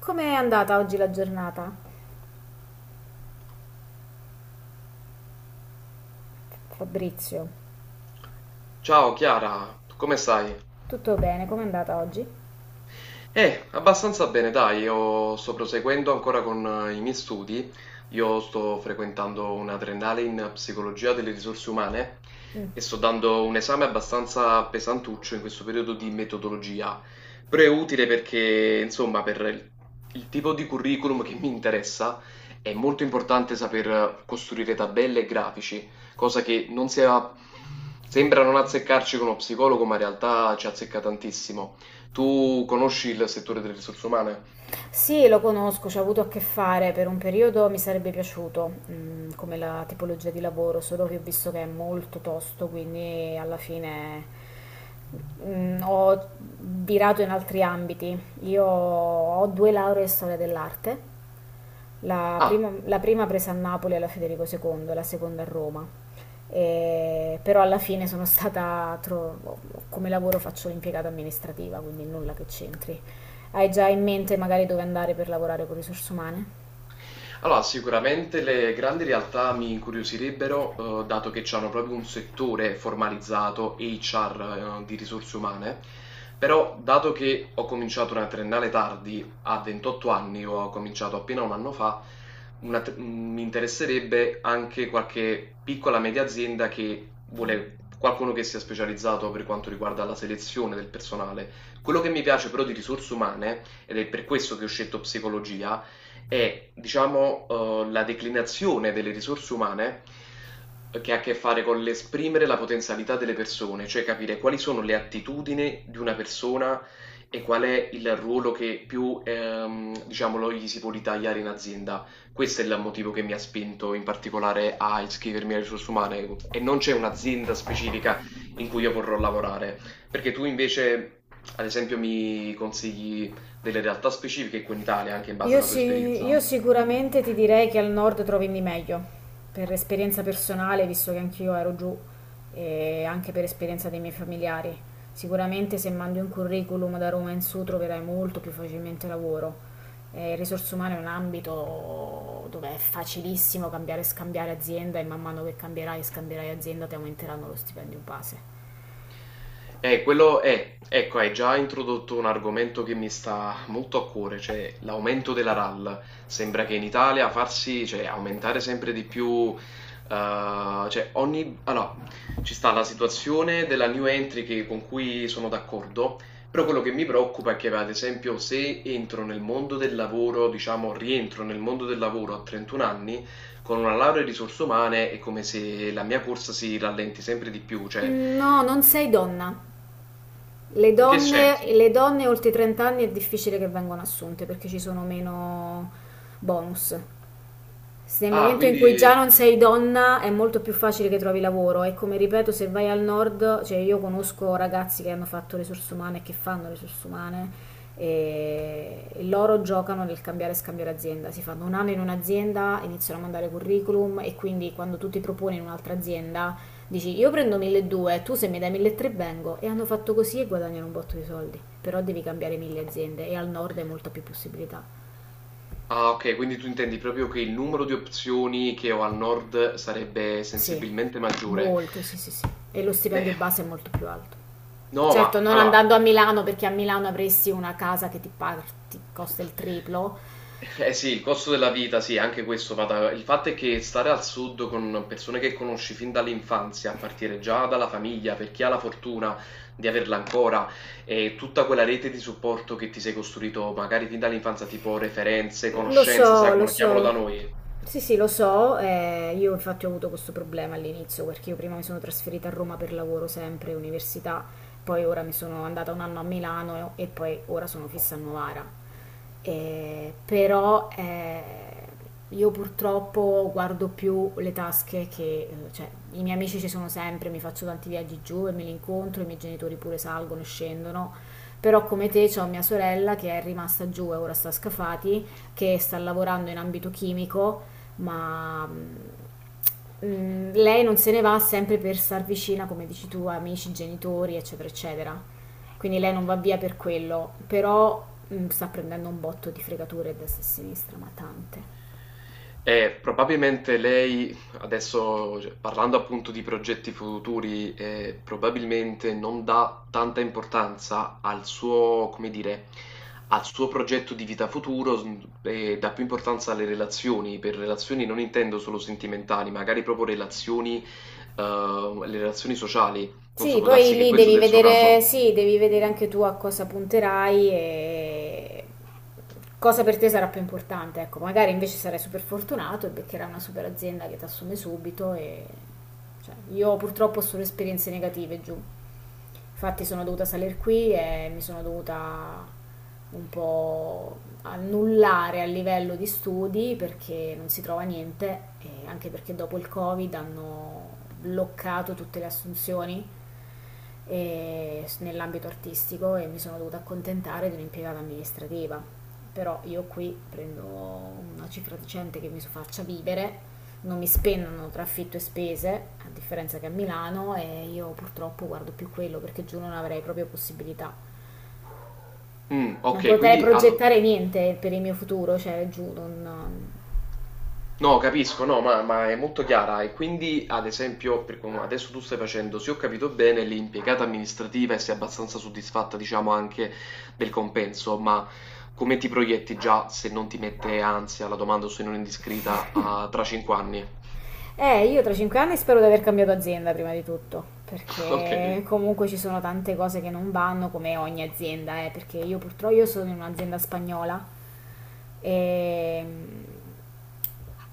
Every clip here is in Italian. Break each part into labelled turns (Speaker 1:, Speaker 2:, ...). Speaker 1: Com'è andata oggi la giornata, Fabrizio?
Speaker 2: Ciao Chiara, come stai?
Speaker 1: Tutto bene, com'è andata oggi?
Speaker 2: Abbastanza bene, dai. Io sto proseguendo ancora con i miei studi, io sto frequentando una triennale in psicologia delle risorse umane e sto dando un esame abbastanza pesantuccio in questo periodo di metodologia, però è utile perché, insomma, per il tipo di curriculum che mi interessa è molto importante saper costruire tabelle e grafici, cosa che non sia... Sembra non azzeccarci con lo psicologo, ma in realtà ci azzecca tantissimo. Tu conosci il settore delle risorse umane?
Speaker 1: Sì, lo conosco, ci ho avuto a che fare per un periodo, mi sarebbe piaciuto, come la tipologia di lavoro, solo che ho visto che è molto tosto, quindi alla fine ho virato in altri ambiti. Io ho due lauree in storia dell'arte. La
Speaker 2: Ah.
Speaker 1: prima, la prima presa a Napoli alla Federico II, la seconda a Roma. Però alla fine sono stata, come lavoro faccio l'impiegata amministrativa, quindi nulla che c'entri. Hai già in mente magari dove andare per lavorare con risorse umane?
Speaker 2: Allora, sicuramente le grandi realtà mi incuriosirebbero, dato che hanno proprio un settore formalizzato, HR, di risorse umane, però dato che ho cominciato una triennale tardi, a 28 anni, ho cominciato appena un anno fa, una tr- mi interesserebbe anche qualche piccola media azienda che vuole qualcuno che sia specializzato per quanto riguarda la selezione del personale. Quello che mi piace però di risorse umane, ed è per questo che ho scelto psicologia, è, diciamo, la declinazione delle risorse umane che ha a che fare con l'esprimere la potenzialità delle persone, cioè capire quali sono le attitudini di una persona e qual è il ruolo che più, diciamo, lo gli si può ritagliare in azienda. Questo è il motivo che mi ha spinto in particolare a iscrivermi alle risorse umane e non c'è un'azienda specifica in cui io vorrò lavorare. Perché tu invece, ad esempio, mi consigli delle realtà specifiche qui in Italia, anche in base
Speaker 1: Io,
Speaker 2: alla tua
Speaker 1: sì,
Speaker 2: esperienza?
Speaker 1: io sicuramente ti direi che al nord trovi di meglio, per esperienza personale, visto che anch'io ero giù, e anche per esperienza dei miei familiari. Sicuramente se mandi un curriculum da Roma in su troverai molto più facilmente lavoro. Risorse umane è un ambito dove è facilissimo cambiare e scambiare azienda e man mano che cambierai e scambierai azienda ti aumenteranno lo stipendio base.
Speaker 2: Quello è, ecco, hai già introdotto un argomento che mi sta molto a cuore, cioè l'aumento della RAL. Sembra che in Italia farsi, cioè, aumentare sempre di più, cioè ogni... Allora, ci sta la situazione della new entry che- con cui sono d'accordo, però quello che mi preoccupa è che, ad esempio, se entro nel mondo del lavoro, diciamo, rientro nel mondo del lavoro a 31 anni, con una laurea in risorse umane è come se la mia corsa si rallenti sempre di più, cioè...
Speaker 1: No, non sei donna. Le
Speaker 2: In che
Speaker 1: donne,
Speaker 2: senso?
Speaker 1: le donne oltre i 30 anni è difficile che vengano assunte perché ci sono meno bonus, se nel
Speaker 2: Ah,
Speaker 1: momento in cui già
Speaker 2: quindi...
Speaker 1: non sei donna è molto più facile che trovi lavoro, e come ripeto se vai al nord, cioè io conosco ragazzi che hanno fatto risorse umane e che fanno risorse umane e loro giocano nel cambiare e scambiare azienda, si fanno 1 anno in un'azienda, iniziano a mandare curriculum e quindi quando tu ti proponi in un'altra azienda dici io prendo 1200, tu se mi dai 1300 vengo, e hanno fatto così e guadagnano un botto di soldi, però devi cambiare mille aziende e al nord hai molta più possibilità.
Speaker 2: Ah, ok, quindi tu intendi proprio che il numero di opzioni che ho al nord sarebbe
Speaker 1: Sì,
Speaker 2: sensibilmente maggiore.
Speaker 1: molto, sì, sì, sì. E lo
Speaker 2: Eh,
Speaker 1: stipendio base è molto più alto.
Speaker 2: no,
Speaker 1: Certo,
Speaker 2: ma
Speaker 1: non
Speaker 2: allora...
Speaker 1: andando a Milano, perché a Milano avresti una casa che ti, ti costa il triplo.
Speaker 2: Eh sì, il costo della vita, sì, anche questo va da... Il fatto è che stare al sud con persone che conosci fin dall'infanzia, a partire già dalla famiglia, per chi ha la fortuna di averla ancora, e tutta quella rete di supporto che ti sei costruito magari fin dall'infanzia, tipo referenze,
Speaker 1: Lo
Speaker 2: conoscenze, sai
Speaker 1: so,
Speaker 2: come
Speaker 1: lo
Speaker 2: la chiamano da
Speaker 1: so.
Speaker 2: noi.
Speaker 1: Sì, sì, lo so. Io infatti ho avuto questo problema all'inizio perché io prima mi sono trasferita a Roma per lavoro sempre, università, poi ora mi sono andata 1 anno a Milano e poi ora sono fissa a Novara. Però, io purtroppo guardo più le tasche che, cioè, i miei amici ci sono sempre, mi faccio tanti viaggi giù e me li incontro, i miei genitori pure salgono e scendono. Però come te c'ho mia sorella che è rimasta giù e ora sta a Scafati, che sta lavorando in ambito chimico, ma lei non se ne va sempre per star vicina, come dici tu, a amici, genitori, eccetera, eccetera. Quindi lei non va via per quello, però sta prendendo un botto di fregature a destra e a sinistra, ma tante.
Speaker 2: Probabilmente lei, adesso cioè, parlando appunto di progetti futuri, probabilmente non dà tanta importanza al suo, come dire, al suo progetto di vita futuro s- e dà più importanza alle relazioni. Per relazioni non intendo solo sentimentali, magari proprio relazioni, le relazioni sociali. Non so,
Speaker 1: Sì,
Speaker 2: può
Speaker 1: poi
Speaker 2: darsi che
Speaker 1: lì
Speaker 2: questo
Speaker 1: devi
Speaker 2: sia il suo
Speaker 1: vedere,
Speaker 2: caso.
Speaker 1: sì, devi vedere anche tu a cosa punterai e cosa per te sarà più importante. Ecco, magari invece sarai super fortunato e beccherai una super azienda che ti assume subito e cioè, io purtroppo ho solo esperienze negative giù. Infatti sono dovuta salire qui e mi sono dovuta un po' annullare a livello di studi perché non si trova niente e anche perché dopo il Covid hanno bloccato tutte le assunzioni nell'ambito artistico e mi sono dovuta accontentare di un'impiegata amministrativa. Però io qui prendo una cifra decente che mi faccia vivere, non mi spennano tra affitto e spese, a differenza che a Milano, e io purtroppo guardo più quello perché giù non avrei proprio possibilità.
Speaker 2: Mm,
Speaker 1: Non
Speaker 2: ok,
Speaker 1: potrei
Speaker 2: quindi allo-
Speaker 1: progettare niente per il mio futuro, cioè giù non...
Speaker 2: No, capisco, no, ma è molto chiara. E quindi, ad esempio, per come adesso tu stai facendo, se ho capito bene, l'impiegata amministrativa e sei abbastanza soddisfatta, diciamo, anche del compenso, ma come ti proietti già se non ti mette ansia la domanda o se non è indiscreta a- tra 5 anni?
Speaker 1: Io tra 5 anni spero di aver cambiato azienda prima di tutto,
Speaker 2: Ok.
Speaker 1: perché comunque ci sono tante cose che non vanno come ogni azienda, perché io purtroppo io sono in un'azienda spagnola e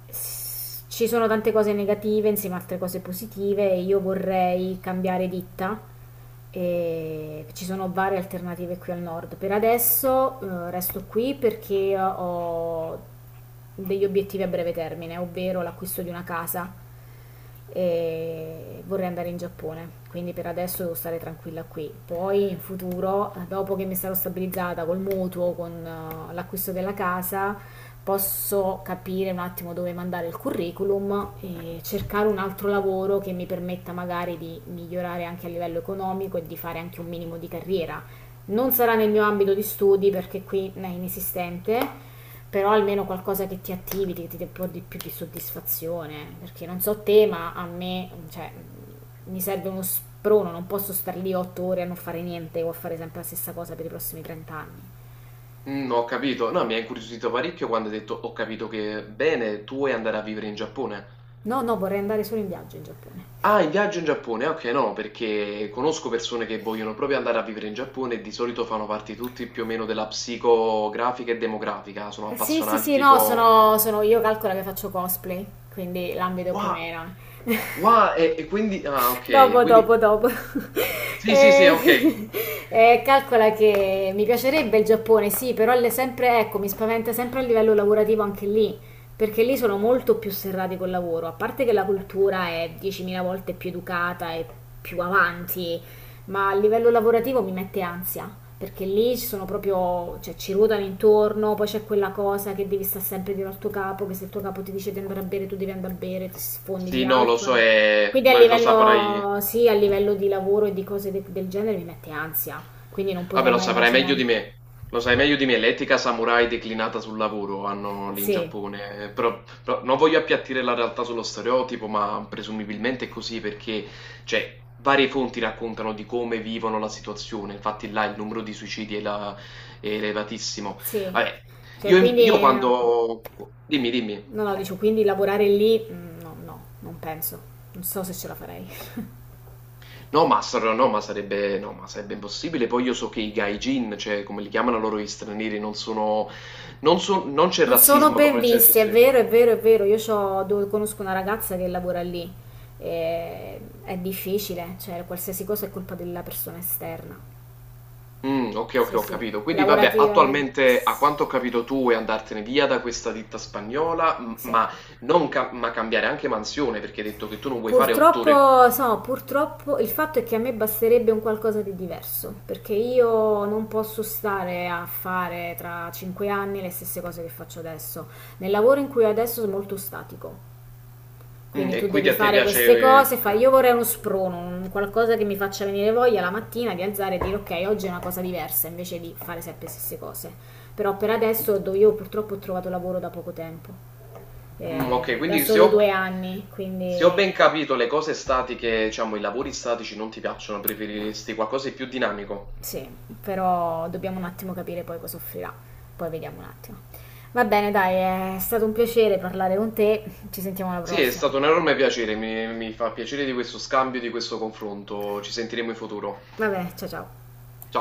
Speaker 1: ci sono tante cose negative insieme a altre cose positive e io vorrei cambiare ditta e ci sono varie alternative qui al nord. Per adesso resto qui perché ho degli obiettivi a breve termine, ovvero l'acquisto di una casa e vorrei andare in Giappone, quindi per adesso devo stare tranquilla qui. Poi in futuro, dopo che mi sarò stabilizzata col mutuo, con l'acquisto della casa, posso capire un attimo dove mandare il curriculum e cercare un altro lavoro che mi permetta magari di migliorare anche a livello economico e di fare anche un minimo di carriera. Non sarà nel mio ambito di studi perché qui è inesistente, però almeno qualcosa che ti attivi, che ti dà un po' di più di soddisfazione, perché non so te, ma a me, cioè, mi serve uno sprono, non posso stare lì 8 ore a non fare niente o a fare sempre la stessa cosa per i prossimi 30 anni.
Speaker 2: Mm, ho capito. No, mi ha incuriosito parecchio quando hai detto ho capito che bene, tu vuoi andare a vivere in Giappone.
Speaker 1: No, no, vorrei andare solo in viaggio in Giappone.
Speaker 2: Ah, il viaggio in Giappone, ah okay, no, perché conosco persone che vogliono proprio andare a vivere in Giappone e di solito fanno parte tutti più o meno della psicografica e demografica, sono
Speaker 1: Sì, sì,
Speaker 2: appassionati
Speaker 1: sì, no,
Speaker 2: tipo
Speaker 1: io calcolo che faccio cosplay, quindi l'ambito più
Speaker 2: "Wa
Speaker 1: o meno.
Speaker 2: wa" e quindi ah okay,
Speaker 1: Dopo,
Speaker 2: quindi
Speaker 1: dopo, dopo.
Speaker 2: sì, sì, sì, okay.
Speaker 1: Eh, eh, calcola che mi piacerebbe il Giappone, sì, però sempre, ecco, mi spaventa sempre a livello lavorativo anche lì, perché lì sono molto più serrati col lavoro, a parte che la cultura è 10.000 volte più educata e più avanti, ma a livello lavorativo mi mette ansia, perché lì ci sono proprio, cioè ci ruotano intorno, poi c'è quella cosa che devi stare sempre dietro al tuo capo, che se il tuo capo ti dice di andare a bere, tu devi andare a bere, ti sfondi di
Speaker 2: Sì, no, lo so,
Speaker 1: alcol. Quindi a
Speaker 2: beh, lo saprai.
Speaker 1: livello, sì, a livello di lavoro e di cose del genere mi mette ansia, quindi non
Speaker 2: Vabbè,
Speaker 1: potrei
Speaker 2: lo
Speaker 1: mai
Speaker 2: saprai meglio
Speaker 1: immaginare.
Speaker 2: di me. Lo sai meglio di me, l'etica samurai declinata sul lavoro hanno lì in
Speaker 1: Sì,
Speaker 2: Giappone. Però, però non voglio appiattire la realtà sullo stereotipo, ma presumibilmente è così perché, cioè, varie fonti raccontano di come vivono la situazione. Infatti là il numero di suicidi è, la- è elevatissimo.
Speaker 1: sì.
Speaker 2: Vabbè,
Speaker 1: Cioè, quindi,
Speaker 2: io
Speaker 1: no,
Speaker 2: quando... Dimmi, dimmi.
Speaker 1: no, dicevo, quindi lavorare lì, no, no, non penso. Non so se ce la farei.
Speaker 2: No, ma, sar- no, ma sarebbe, no, ma sarebbe impossibile. Poi io so che i gaijin, cioè come li chiamano loro gli stranieri, non sono, non so- non c'è
Speaker 1: Non sono
Speaker 2: razzismo
Speaker 1: ben
Speaker 2: proprio nel senso
Speaker 1: visti, è
Speaker 2: stretto.
Speaker 1: vero, è vero, è vero. Io conosco una ragazza che lavora lì. E è difficile, cioè qualsiasi cosa è colpa della persona esterna.
Speaker 2: Mm, ok, ok,
Speaker 1: Sì,
Speaker 2: ho
Speaker 1: sì,
Speaker 2: capito. Quindi vabbè,
Speaker 1: lavorativamente.
Speaker 2: attualmente a quanto ho capito tu vuoi andartene via da questa ditta spagnola, m-
Speaker 1: Sì.
Speaker 2: ma, non ca- ma cambiare anche mansione, perché hai detto che tu non vuoi fare 8 ore.
Speaker 1: Purtroppo, so, purtroppo il fatto è che a me basterebbe un qualcosa di diverso, perché io non posso stare a fare tra 5 anni le stesse cose che faccio adesso. Nel lavoro in cui ho adesso è molto statico.
Speaker 2: Mm,
Speaker 1: Quindi
Speaker 2: e
Speaker 1: tu
Speaker 2: quindi
Speaker 1: devi
Speaker 2: a te
Speaker 1: fare
Speaker 2: piace...
Speaker 1: queste cose, fai,
Speaker 2: ok.
Speaker 1: io vorrei uno sprono, un qualcosa che mi faccia venire voglia la mattina di alzare e dire ok, oggi è una cosa diversa, invece di fare sempre le stesse cose. Però per adesso io purtroppo ho trovato lavoro da poco tempo,
Speaker 2: Mm, ok,
Speaker 1: da
Speaker 2: quindi se
Speaker 1: solo
Speaker 2: ho...
Speaker 1: 2 anni,
Speaker 2: Se ho ben
Speaker 1: quindi...
Speaker 2: capito, le cose statiche, diciamo, i lavori statici non ti piacciono,
Speaker 1: No.
Speaker 2: preferiresti qualcosa di più dinamico?
Speaker 1: Sì, però dobbiamo un attimo capire poi cosa offrirà. Poi vediamo un attimo. Va bene, dai, è stato un piacere parlare con te. Ci sentiamo alla
Speaker 2: Sì, è
Speaker 1: prossima.
Speaker 2: stato un enorme piacere, mi fa piacere di questo scambio, di questo confronto. Ci sentiremo in futuro.
Speaker 1: Vabbè, ciao ciao.
Speaker 2: Ciao.